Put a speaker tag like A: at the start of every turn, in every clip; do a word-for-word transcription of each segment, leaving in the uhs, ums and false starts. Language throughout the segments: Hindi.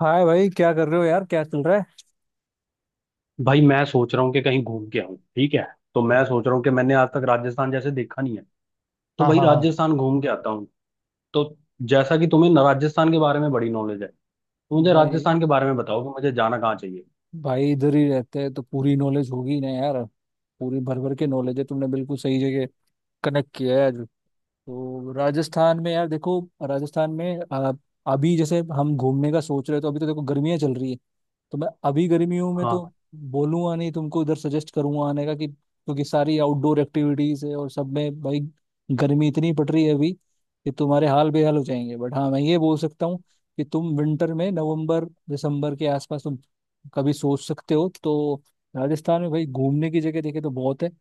A: हाय भाई, क्या कर रहे हो यार? क्या चल रहा है?
B: भाई मैं सोच रहा हूँ कि कहीं घूम के आऊँ। ठीक है। तो मैं सोच रहा हूँ कि मैंने आज तक राजस्थान जैसे देखा नहीं है, तो
A: हाँ,
B: भाई
A: हाँ, हाँ।
B: राजस्थान घूम के आता हूँ। तो जैसा कि तुम्हें न- राजस्थान के बारे में बड़ी नॉलेज है, तो मुझे
A: भाई
B: राजस्थान के बारे में बताओ कि मुझे जाना कहाँ चाहिए।
A: भाई इधर ही रहते हैं तो पूरी नॉलेज होगी ना यार। पूरी भर भर के नॉलेज है, तुमने बिल्कुल सही जगह कनेक्ट किया है। तो राजस्थान में यार देखो, राजस्थान में आ, अभी जैसे हम घूमने का सोच रहे हैं तो अभी तो देखो गर्मियाँ चल रही है। तो मैं अभी गर्मियों में तो
B: हाँ,
A: बोलूंगा नहीं तुमको, इधर सजेस्ट करूंगा आने का कि, क्योंकि सारी आउटडोर एक्टिविटीज है और सब में भाई गर्मी इतनी पड़ रही है अभी कि तुम्हारे हाल बेहाल हो जाएंगे। बट हाँ, मैं ये बोल सकता हूँ कि तुम विंटर में नवंबर दिसंबर के आसपास तुम कभी सोच सकते हो। तो राजस्थान में भाई घूमने की जगह देखे तो बहुत है। अ,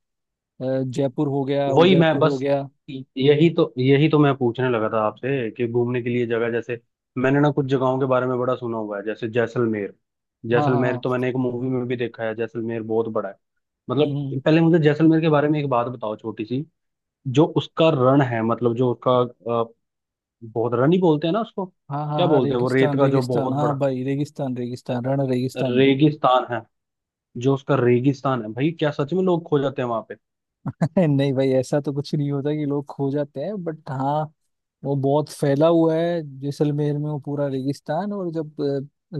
A: जयपुर हो गया,
B: वही मैं
A: उदयपुर हो
B: बस,
A: गया।
B: यही तो यही तो मैं पूछने लगा था आपसे कि घूमने के लिए जगह जैसे। मैंने ना कुछ जगहों के बारे में बड़ा सुना हुआ है, जैसे जैसलमेर।
A: हाँ, हाँ,
B: जैसलमेर
A: हाँ।
B: तो मैंने एक मूवी में भी देखा है, जैसलमेर बहुत बड़ा है। मतलब
A: हम्म।
B: पहले मुझे जैसलमेर के बारे में एक बात बताओ, छोटी सी। जो उसका रण है, मतलब जो उसका अ, बहुत, रण ही बोलते हैं ना उसको,
A: हाँ, हाँ,
B: क्या
A: हाँ,
B: बोलते हैं वो रेत
A: रेगिस्तान,
B: का जो
A: रेगिस्तान,
B: बहुत
A: हाँ
B: बड़ा,
A: भाई, रेगिस्तान,
B: अ,
A: रेगिस्तान, रण, रेगिस्तान।
B: रेगिस्तान है। जो उसका रेगिस्तान है भाई, क्या सच में लोग खो जाते हैं वहां पे?
A: नहीं भाई, ऐसा तो कुछ नहीं होता कि लोग खो जाते हैं, बट हाँ, वो बहुत फैला हुआ है जैसलमेर में, वो पूरा रेगिस्तान। और जब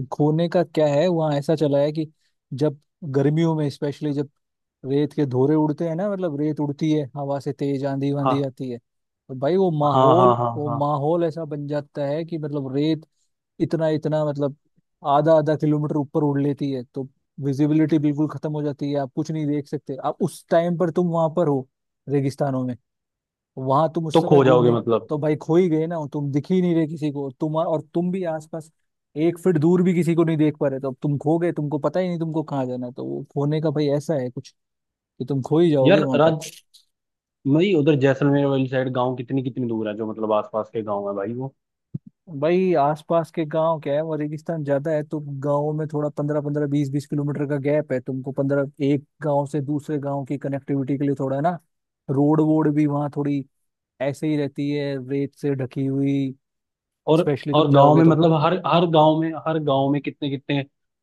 A: अ, खोने का क्या है वहाँ, ऐसा चला है कि जब गर्मियों में स्पेशली, जब रेत के धोरे उड़ते हैं ना, मतलब रेत उड़ती है हवा से, तेज आंधी वांधी
B: हाँ
A: आती है तो भाई वो
B: हाँ हाँ
A: माहौल,
B: हाँ
A: वो
B: हाँ।
A: माहौल ऐसा बन जाता है कि मतलब रेत इतना इतना, मतलब आधा आधा किलोमीटर ऊपर उड़ लेती है। तो विजिबिलिटी बिल्कुल खत्म हो जाती है, आप कुछ नहीं देख सकते। आप उस टाइम पर तुम वहां पर हो रेगिस्तानों में, वहां तुम उस
B: तो
A: समय
B: खो जाओगे
A: घूमने,
B: मतलब?
A: तो भाई खो ही गए ना। तुम दिख ही नहीं रहे किसी को, तुम, और तुम भी आसपास एक फीट दूर भी किसी को नहीं देख पा रहे। तो अब तुम खो गए, तुमको पता ही नहीं तुमको कहाँ जाना है। तो वो खोने का भाई ऐसा है कुछ कि तुम खो ही जाओगे
B: यार
A: वहां पर।
B: राज भाई, उधर जैसलमेर वाली साइड गांव कितनी कितनी दूर है जो, मतलब आसपास के गांव है भाई वो?
A: भाई आसपास के गांव क्या है, वो रेगिस्तान ज्यादा है तो गांवों में थोड़ा पंद्रह पंद्रह बीस बीस किलोमीटर का गैप है। तुमको पंद्रह एक गांव से दूसरे गांव की कनेक्टिविटी के लिए थोड़ा है ना, रोड वोड भी वहाँ थोड़ी ऐसे ही रहती है रेत से ढकी हुई।
B: और
A: स्पेशली तुम
B: और गांव
A: जाओगे
B: में
A: तो,
B: मतलब हर हर गांव में, हर गांव में कितने कितने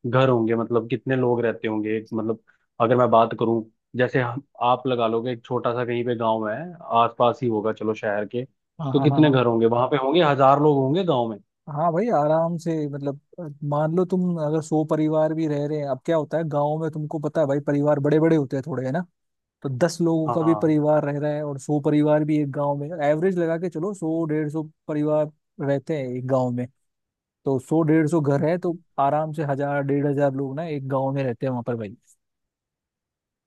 B: घर होंगे, मतलब कितने लोग रहते होंगे एक मतलब? अगर मैं बात करूं, जैसे हम आप लगा लोगे एक छोटा सा कहीं पे गांव है, आसपास ही होगा, चलो शहर के।
A: हाँ
B: तो
A: हाँ हाँ
B: कितने
A: हाँ।
B: घर होंगे वहां पे, होंगे हजार लोग होंगे गांव में?
A: हाँ भाई, आराम से, मतलब अ, मान लो तुम अगर सौ परिवार भी रह रहे हैं, अब क्या होता है गाँव में, तुमको पता है भाई, परिवार बड़े बड़े होते हैं थोड़े है ना। तो दस लोगों का भी
B: हाँ
A: परिवार रह रहा है और सौ परिवार भी एक गांव में, एवरेज लगा के चलो, सौ डेढ़ सौ परिवार रहते हैं एक गांव में। तो सौ डेढ़ सौ घर है तो आराम से हजार डेढ़ हजार लोग ना एक गांव में रहते हैं वहां पर भाई।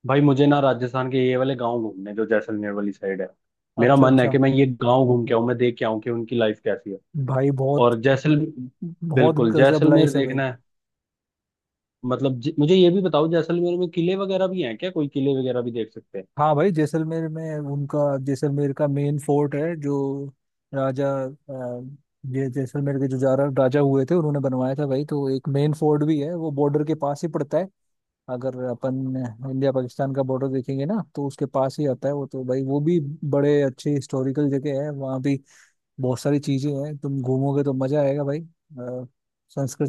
B: भाई, मुझे ना राजस्थान के ये वाले गांव घूमने, जो जैसलमेर वाली साइड है। मेरा
A: अच्छा,
B: मन है
A: अच्छा।
B: कि मैं ये गांव घूम के आऊं, मैं देख के आऊं कि उनकी लाइफ कैसी है।
A: भाई बहुत,
B: और जैसल
A: बहुत
B: बिल्कुल
A: गजब
B: जैसलमेर
A: लाइफ है भाई।
B: देखना है। मतलब ज- मुझे ये भी बताओ, जैसलमेर में किले वगैरह भी हैं क्या, कोई किले वगैरह भी देख सकते?
A: हाँ भाई, जैसलमेर में उनका, जैसलमेर का मेन फोर्ट है जो राजा, अ, ये जैसलमेर के जो जारा राजा हुए थे उन्होंने बनवाया था भाई। तो एक मेन फोर्ट भी है, वो बॉर्डर के पास ही पड़ता है। अगर अपन इंडिया पाकिस्तान का बॉर्डर देखेंगे ना तो उसके पास ही आता है वो। तो भाई वो भी बड़े अच्छे हिस्टोरिकल जगह है वहाँ भी। बहुत सारी चीजें हैं, तुम घूमोगे तो मजा आएगा भाई। अ,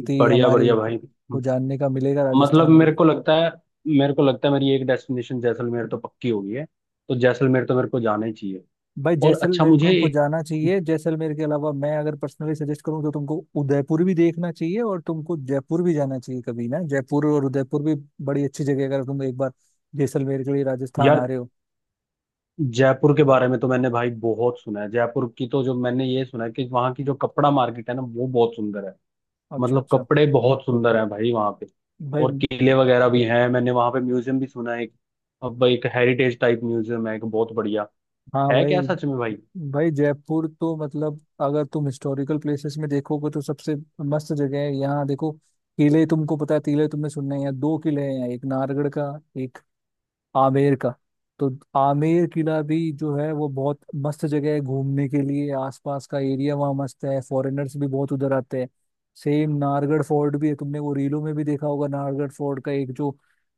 B: हैं बढ़िया
A: हमारी
B: बढ़िया भाई।
A: को जानने का मिलेगा,
B: मतलब
A: राजस्थान को।
B: मेरे को लगता है मेरे को लगता है मेरी एक डेस्टिनेशन जैसलमेर तो पक्की हो गई है। तो जैसलमेर तो मेरे को जाना ही चाहिए।
A: भाई
B: और अच्छा
A: जैसलमेर को
B: मुझे
A: तुमको
B: एक,
A: जाना चाहिए, जैसलमेर के अलावा मैं अगर पर्सनली सजेस्ट करूँ तो तुमको उदयपुर भी देखना चाहिए और तुमको जयपुर भी जाना चाहिए कभी ना, जयपुर और उदयपुर भी बड़ी अच्छी जगह है, अगर तुम एक बार जैसलमेर के लिए राजस्थान आ
B: यार
A: रहे हो।
B: जयपुर के बारे में तो मैंने भाई बहुत सुना है। जयपुर की तो, जो मैंने ये सुना है कि वहाँ की जो कपड़ा मार्केट है ना, वो बहुत सुंदर है।
A: अच्छा,
B: मतलब
A: अच्छा।
B: कपड़े बहुत सुंदर हैं भाई वहाँ पे।
A: भाई।
B: और किले वगैरह भी हैं, मैंने वहाँ पे म्यूजियम भी सुना है एक, अब भाई एक हेरिटेज टाइप म्यूजियम है एक बहुत बढ़िया,
A: हाँ
B: है
A: भाई
B: क्या सच में भाई?
A: भाई जयपुर तो मतलब, अगर तुम हिस्टोरिकल प्लेसेस में देखोगे तो सबसे मस्त जगह है, यहाँ देखो किले, तुमको पता है किले तुमने सुनने हैं, यहाँ दो किले हैं, एक नारगढ़ का, एक आमेर का। तो आमेर किला भी जो है वो बहुत मस्त जगह है घूमने के लिए, आसपास का एरिया वहाँ मस्त है, फॉरेनर्स भी बहुत उधर आते हैं। सेम नाहरगढ़ फोर्ट भी है, तुमने वो रीलों में भी देखा होगा, नाहरगढ़ फोर्ट का एक जो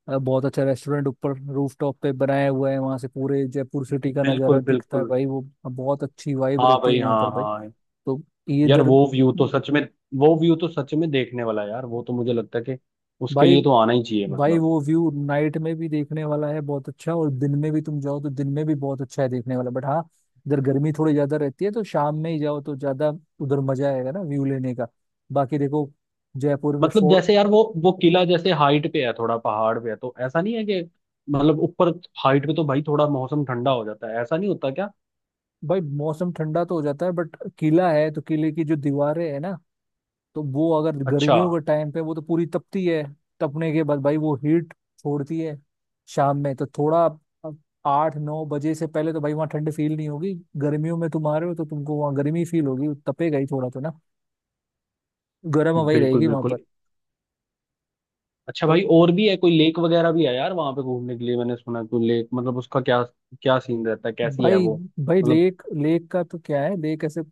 A: अ, बहुत अच्छा रेस्टोरेंट ऊपर रूफटॉप पे बनाया हुआ है, वहाँ से पूरे जयपुर सिटी का
B: बिल्कुल
A: नज़ारा दिखता है
B: बिल्कुल।
A: भाई वो। बहुत अच्छी वाइब
B: हाँ
A: रहती है
B: भाई,
A: वहाँ पर
B: हाँ
A: भाई।
B: हाँ।
A: तो ये
B: यार
A: इधर
B: वो व्यू तो सच में, वो व्यू तो सच में देखने वाला है यार वो, तो मुझे लगता है कि उसके
A: भाई।
B: लिए तो आना ही चाहिए
A: भाई
B: मतलब।
A: वो व्यू नाइट में भी देखने वाला है बहुत अच्छा, और दिन में भी तुम जाओ तो दिन में भी बहुत अच्छा है देखने वाला। बट हाँ, इधर गर्मी थोड़ी ज्यादा रहती है तो शाम में ही जाओ तो ज्यादा उधर मजा आएगा ना, व्यू लेने का। बाकी देखो, जयपुर में
B: मतलब
A: फो,
B: जैसे यार वो वो किला जैसे हाइट पे है, थोड़ा पहाड़ पे है, तो ऐसा नहीं है कि मतलब ऊपर हाइट पे तो भाई थोड़ा मौसम ठंडा हो जाता है, ऐसा नहीं होता क्या?
A: भाई मौसम ठंडा तो हो जाता है बट किला है तो किले की जो दीवारें है ना, तो वो, अगर
B: अच्छा।
A: गर्मियों के टाइम पे वो तो पूरी तपती है। तपने के बाद भाई वो हीट छोड़ती है। शाम में तो थोड़ा, अब आठ नौ बजे से पहले तो भाई वहाँ ठंड फील नहीं होगी। गर्मियों में तुम आ रहे हो तो तुमको वहाँ गर्मी फील होगी, तपेगा ही थोड़ा तो ना, गर्म हवा ही
B: बिल्कुल
A: रहेगी वहां
B: बिल्कुल।
A: पर।
B: अच्छा
A: तो
B: भाई, और भी है कोई लेक वगैरह भी है यार वहां पे घूमने के लिए? मैंने सुना है कोई लेक, मतलब उसका क्या, क्या सीन रहता है, कैसी है
A: भाई,
B: वो?
A: भाई
B: मतलब
A: लेक, लेक का तो क्या है, लेक ऐसे अ,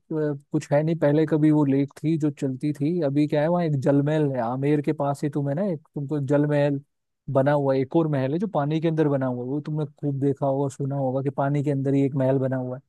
A: कुछ है नहीं, पहले कभी वो लेक थी जो चलती थी, अभी क्या है वहाँ एक जलमहल है, आमेर के पास ही, तुम्हें ना एक तुमको जलमहल बना हुआ है। एक और महल है जो पानी के अंदर बना हुआ है, वो तुमने खूब देखा होगा, सुना होगा कि पानी के अंदर ही एक महल बना हुआ है।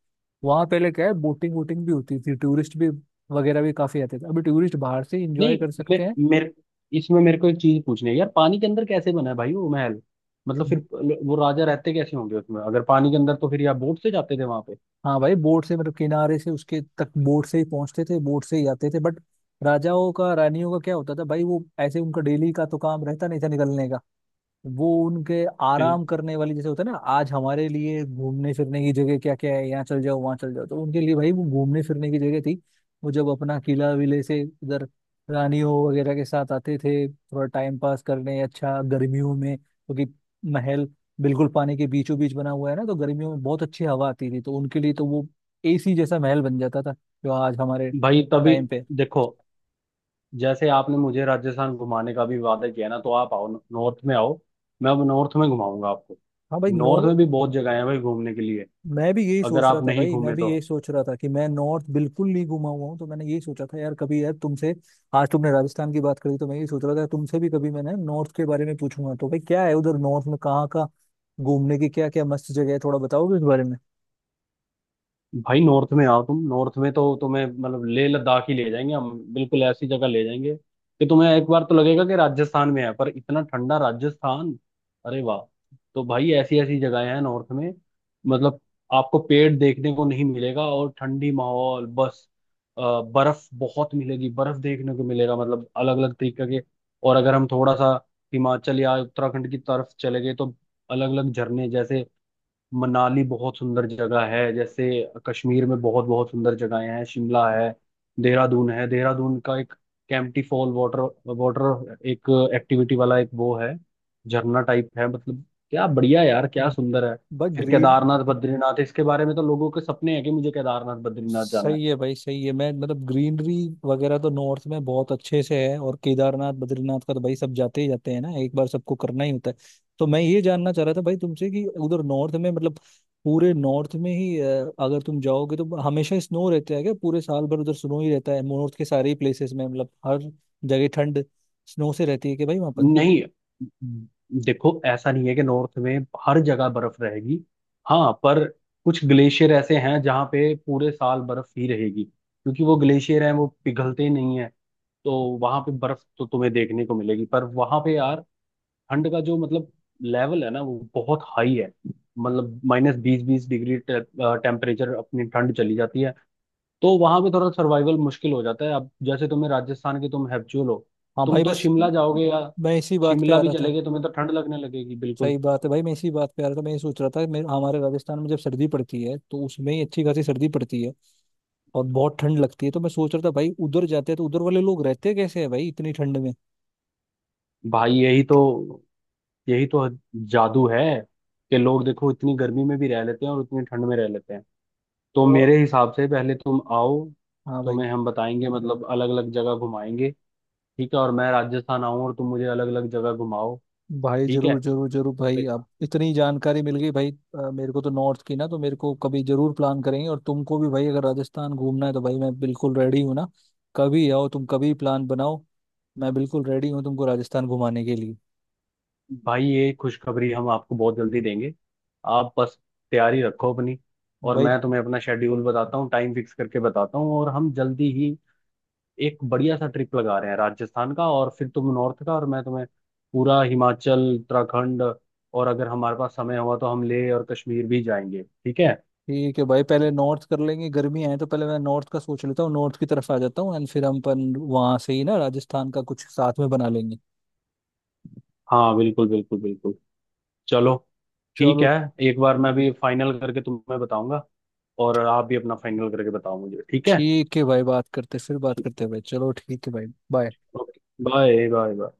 A: वहाँ पहले क्या है, बोटिंग वोटिंग भी होती थी, टूरिस्ट भी वगैरह भी काफी आते थे, अभी टूरिस्ट बाहर से इंजॉय
B: नहीं,
A: कर
B: मे,
A: सकते हैं।
B: मेरे इसमें मेरे को एक चीज पूछनी है यार, पानी के अंदर कैसे बना है भाई वो महल? मतलब फिर वो राजा रहते कैसे होंगे उसमें, अगर पानी के अंदर, तो फिर या बोट से जाते थे वहां पे?
A: हाँ भाई, बोट से, मतलब किनारे से उसके तक बोट से ही पहुंचते थे, बोट से ही आते थे। बट राजाओं का रानियों का क्या होता था भाई, वो ऐसे उनका डेली का तो काम रहता नहीं था निकलने का। वो उनके
B: फिर
A: आराम करने वाली, जैसे होता है ना आज हमारे लिए घूमने फिरने की जगह, क्या क्या है, यहाँ चल जाओ वहाँ चल जाओ, तो उनके लिए भाई वो घूमने फिरने की जगह थी। वो जब अपना किला विले से इधर रानियों वगैरह के साथ आते थे थोड़ा टाइम पास करने, अच्छा गर्मियों में, क्योंकि महल बिल्कुल पानी के बीचों बीच बना हुआ है ना, तो गर्मियों में बहुत अच्छी हवा आती थी तो उनके लिए तो वो एसी जैसा महल बन जाता था जो आज हमारे
B: भाई, तभी
A: टाइम पे।
B: देखो, जैसे आपने मुझे राजस्थान घुमाने का भी वादा किया ना, तो आप आओ नॉर्थ में आओ। मैं अब नॉर्थ में घुमाऊंगा आपको।
A: हाँ भाई, नो।
B: नॉर्थ में भी बहुत जगह है भाई घूमने के लिए।
A: मैं भी यही
B: अगर
A: सोच रहा
B: आप
A: था
B: नहीं
A: भाई, मैं
B: घूमे
A: भी
B: तो
A: यही सोच रहा था कि मैं नॉर्थ बिल्कुल नहीं घुमा हुआ हूँ, तो मैंने यही सोचा था यार कभी यार तुमसे, आज तुमने राजस्थान की बात करी तो मैं यही सोच रहा था तुमसे भी कभी मैंने नॉर्थ के बारे में पूछूंगा। तो भाई क्या है उधर नॉर्थ में, कहाँ का घूमने की क्या क्या मस्त जगह है थोड़ा बताओगे इस बारे
B: भाई नॉर्थ में आओ, तुम नॉर्थ में तो तुम्हें मतलब लेह लद्दाख ही ले जाएंगे हम, बिल्कुल ऐसी जगह ले जाएंगे कि तुम्हें एक बार तो लगेगा कि राजस्थान में है पर इतना ठंडा राजस्थान। अरे वाह। तो भाई ऐसी ऐसी जगहें हैं नॉर्थ में, मतलब आपको पेड़ देखने को नहीं मिलेगा और ठंडी माहौल बस, अ, बर्फ बहुत मिलेगी, बर्फ देखने को मिलेगा मतलब अलग अलग तरीके के। और अगर हम थोड़ा सा हिमाचल या उत्तराखंड की तरफ चले गए तो अलग अलग झरने, जैसे मनाली बहुत सुंदर जगह है, जैसे कश्मीर में बहुत बहुत सुंदर जगहें हैं, शिमला है, देहरादून है। देहरादून का एक कैंपटी फॉल, वाटर वाटर एक एक्टिविटी वाला एक वो है, झरना टाइप है मतलब, क्या बढ़िया यार, क्या
A: में,
B: सुंदर है।
A: बस
B: फिर
A: ग्रीन।
B: केदारनाथ बद्रीनाथ, इसके बारे में तो लोगों के सपने हैं कि मुझे केदारनाथ बद्रीनाथ जाना
A: सही
B: है।
A: है भाई, सही है। मैं, मतलब ग्रीनरी वगैरह तो नॉर्थ में बहुत अच्छे से है, और केदारनाथ बद्रीनाथ का तो भाई सब जाते ही जाते हैं ना एक बार, सबको करना ही होता है। तो मैं ये जानना चाह रहा था भाई तुमसे कि उधर नॉर्थ में, मतलब पूरे नॉर्थ में ही अ, अगर तुम जाओगे तो हमेशा स्नो रहता है क्या, पूरे साल भर उधर स्नो ही रहता है नॉर्थ के सारे प्लेसेस में? मतलब हर जगह ठंड स्नो से रहती है कि भाई वहां पर।
B: नहीं देखो, ऐसा नहीं है कि नॉर्थ में हर जगह बर्फ रहेगी। हाँ, पर कुछ ग्लेशियर ऐसे हैं जहाँ पे पूरे साल बर्फ ही रहेगी, क्योंकि वो ग्लेशियर हैं वो पिघलते नहीं है। तो वहां पे बर्फ तो तुम्हें देखने को मिलेगी, पर वहां पे यार ठंड का जो मतलब लेवल है ना, वो बहुत हाई है। मतलब माइनस बीस बीस डिग्री टेम्परेचर अपनी ठंड चली जाती है। तो वहां पे थोड़ा सर्वाइवल मुश्किल हो जाता है। अब जैसे तुम्हें राजस्थान के तुम हैप्चुअल हो,
A: हाँ
B: तुम
A: भाई
B: तो
A: बस।
B: शिमला जाओगे या
A: मैं इसी बात पे
B: शिमला
A: आ
B: भी
A: रहा
B: चले
A: था।
B: गए, तुम्हें तो ठंड लगने लगेगी बिल्कुल।
A: सही बात है भाई, मैं इसी बात पे आ रहा था। मैं ये सोच रहा था, मेरे हमारे राजस्थान में जब सर्दी पड़ती है तो उसमें ही अच्छी खासी सर्दी पड़ती है और बहुत ठंड लगती है, तो मैं सोच रहा था भाई उधर जाते हैं तो उधर वाले लोग रहते कैसे है भाई इतनी ठंड में।
B: भाई यही तो यही तो जादू है कि लोग देखो इतनी गर्मी में भी रह लेते हैं और इतनी ठंड में रह लेते हैं। तो
A: वो,
B: मेरे हिसाब से पहले तुम आओ,
A: हाँ भाई।
B: तुम्हें हम बताएंगे मतलब अलग अलग जगह घुमाएंगे। ठीक है, और मैं राजस्थान आऊँ और तुम मुझे अलग अलग जगह घुमाओ।
A: भाई
B: ठीक है
A: जरूर, जरूर, जरूर भाई, अब इतनी जानकारी मिल गई भाई, अ, मेरे को तो नॉर्थ की ना, तो मेरे को कभी जरूर प्लान करेंगे, और तुमको भी भाई अगर राजस्थान घूमना है तो भाई मैं बिल्कुल रेडी हूँ ना। कभी आओ तुम, कभी प्लान बनाओ, मैं बिल्कुल रेडी हूँ तुमको राजस्थान घुमाने के लिए
B: भाई, ये खुशखबरी हम आपको बहुत जल्दी देंगे। आप बस तैयारी रखो अपनी, और
A: भाई।
B: मैं तुम्हें अपना शेड्यूल बताता हूँ, टाइम फिक्स करके बताता हूँ, और हम जल्दी ही एक बढ़िया सा ट्रिप लगा रहे हैं राजस्थान का और फिर तुम नॉर्थ का, और मैं तुम्हें पूरा हिमाचल उत्तराखंड, और अगर हमारे पास समय हुआ तो हम लेह और कश्मीर भी जाएंगे। ठीक है।
A: ठीक है भाई, पहले नॉर्थ कर लेंगे, गर्मी है तो पहले मैं नॉर्थ का सोच लेता हूँ, नॉर्थ की तरफ आ जाता हूँ एंड फिर हम अपन वहां से ही ना राजस्थान का कुछ साथ में बना लेंगे।
B: हाँ बिल्कुल बिल्कुल बिल्कुल। चलो, ठीक
A: चलो,
B: है। एक बार मैं भी फाइनल करके तुम्हें बताऊंगा, और आप भी अपना फाइनल करके बताओ मुझे, ठीक है?
A: ठीक है भाई, बात करते, फिर बात
B: ठीक,
A: करते हैं भाई। चलो, ठीक है भाई। बाय।
B: ओके। Bye bye.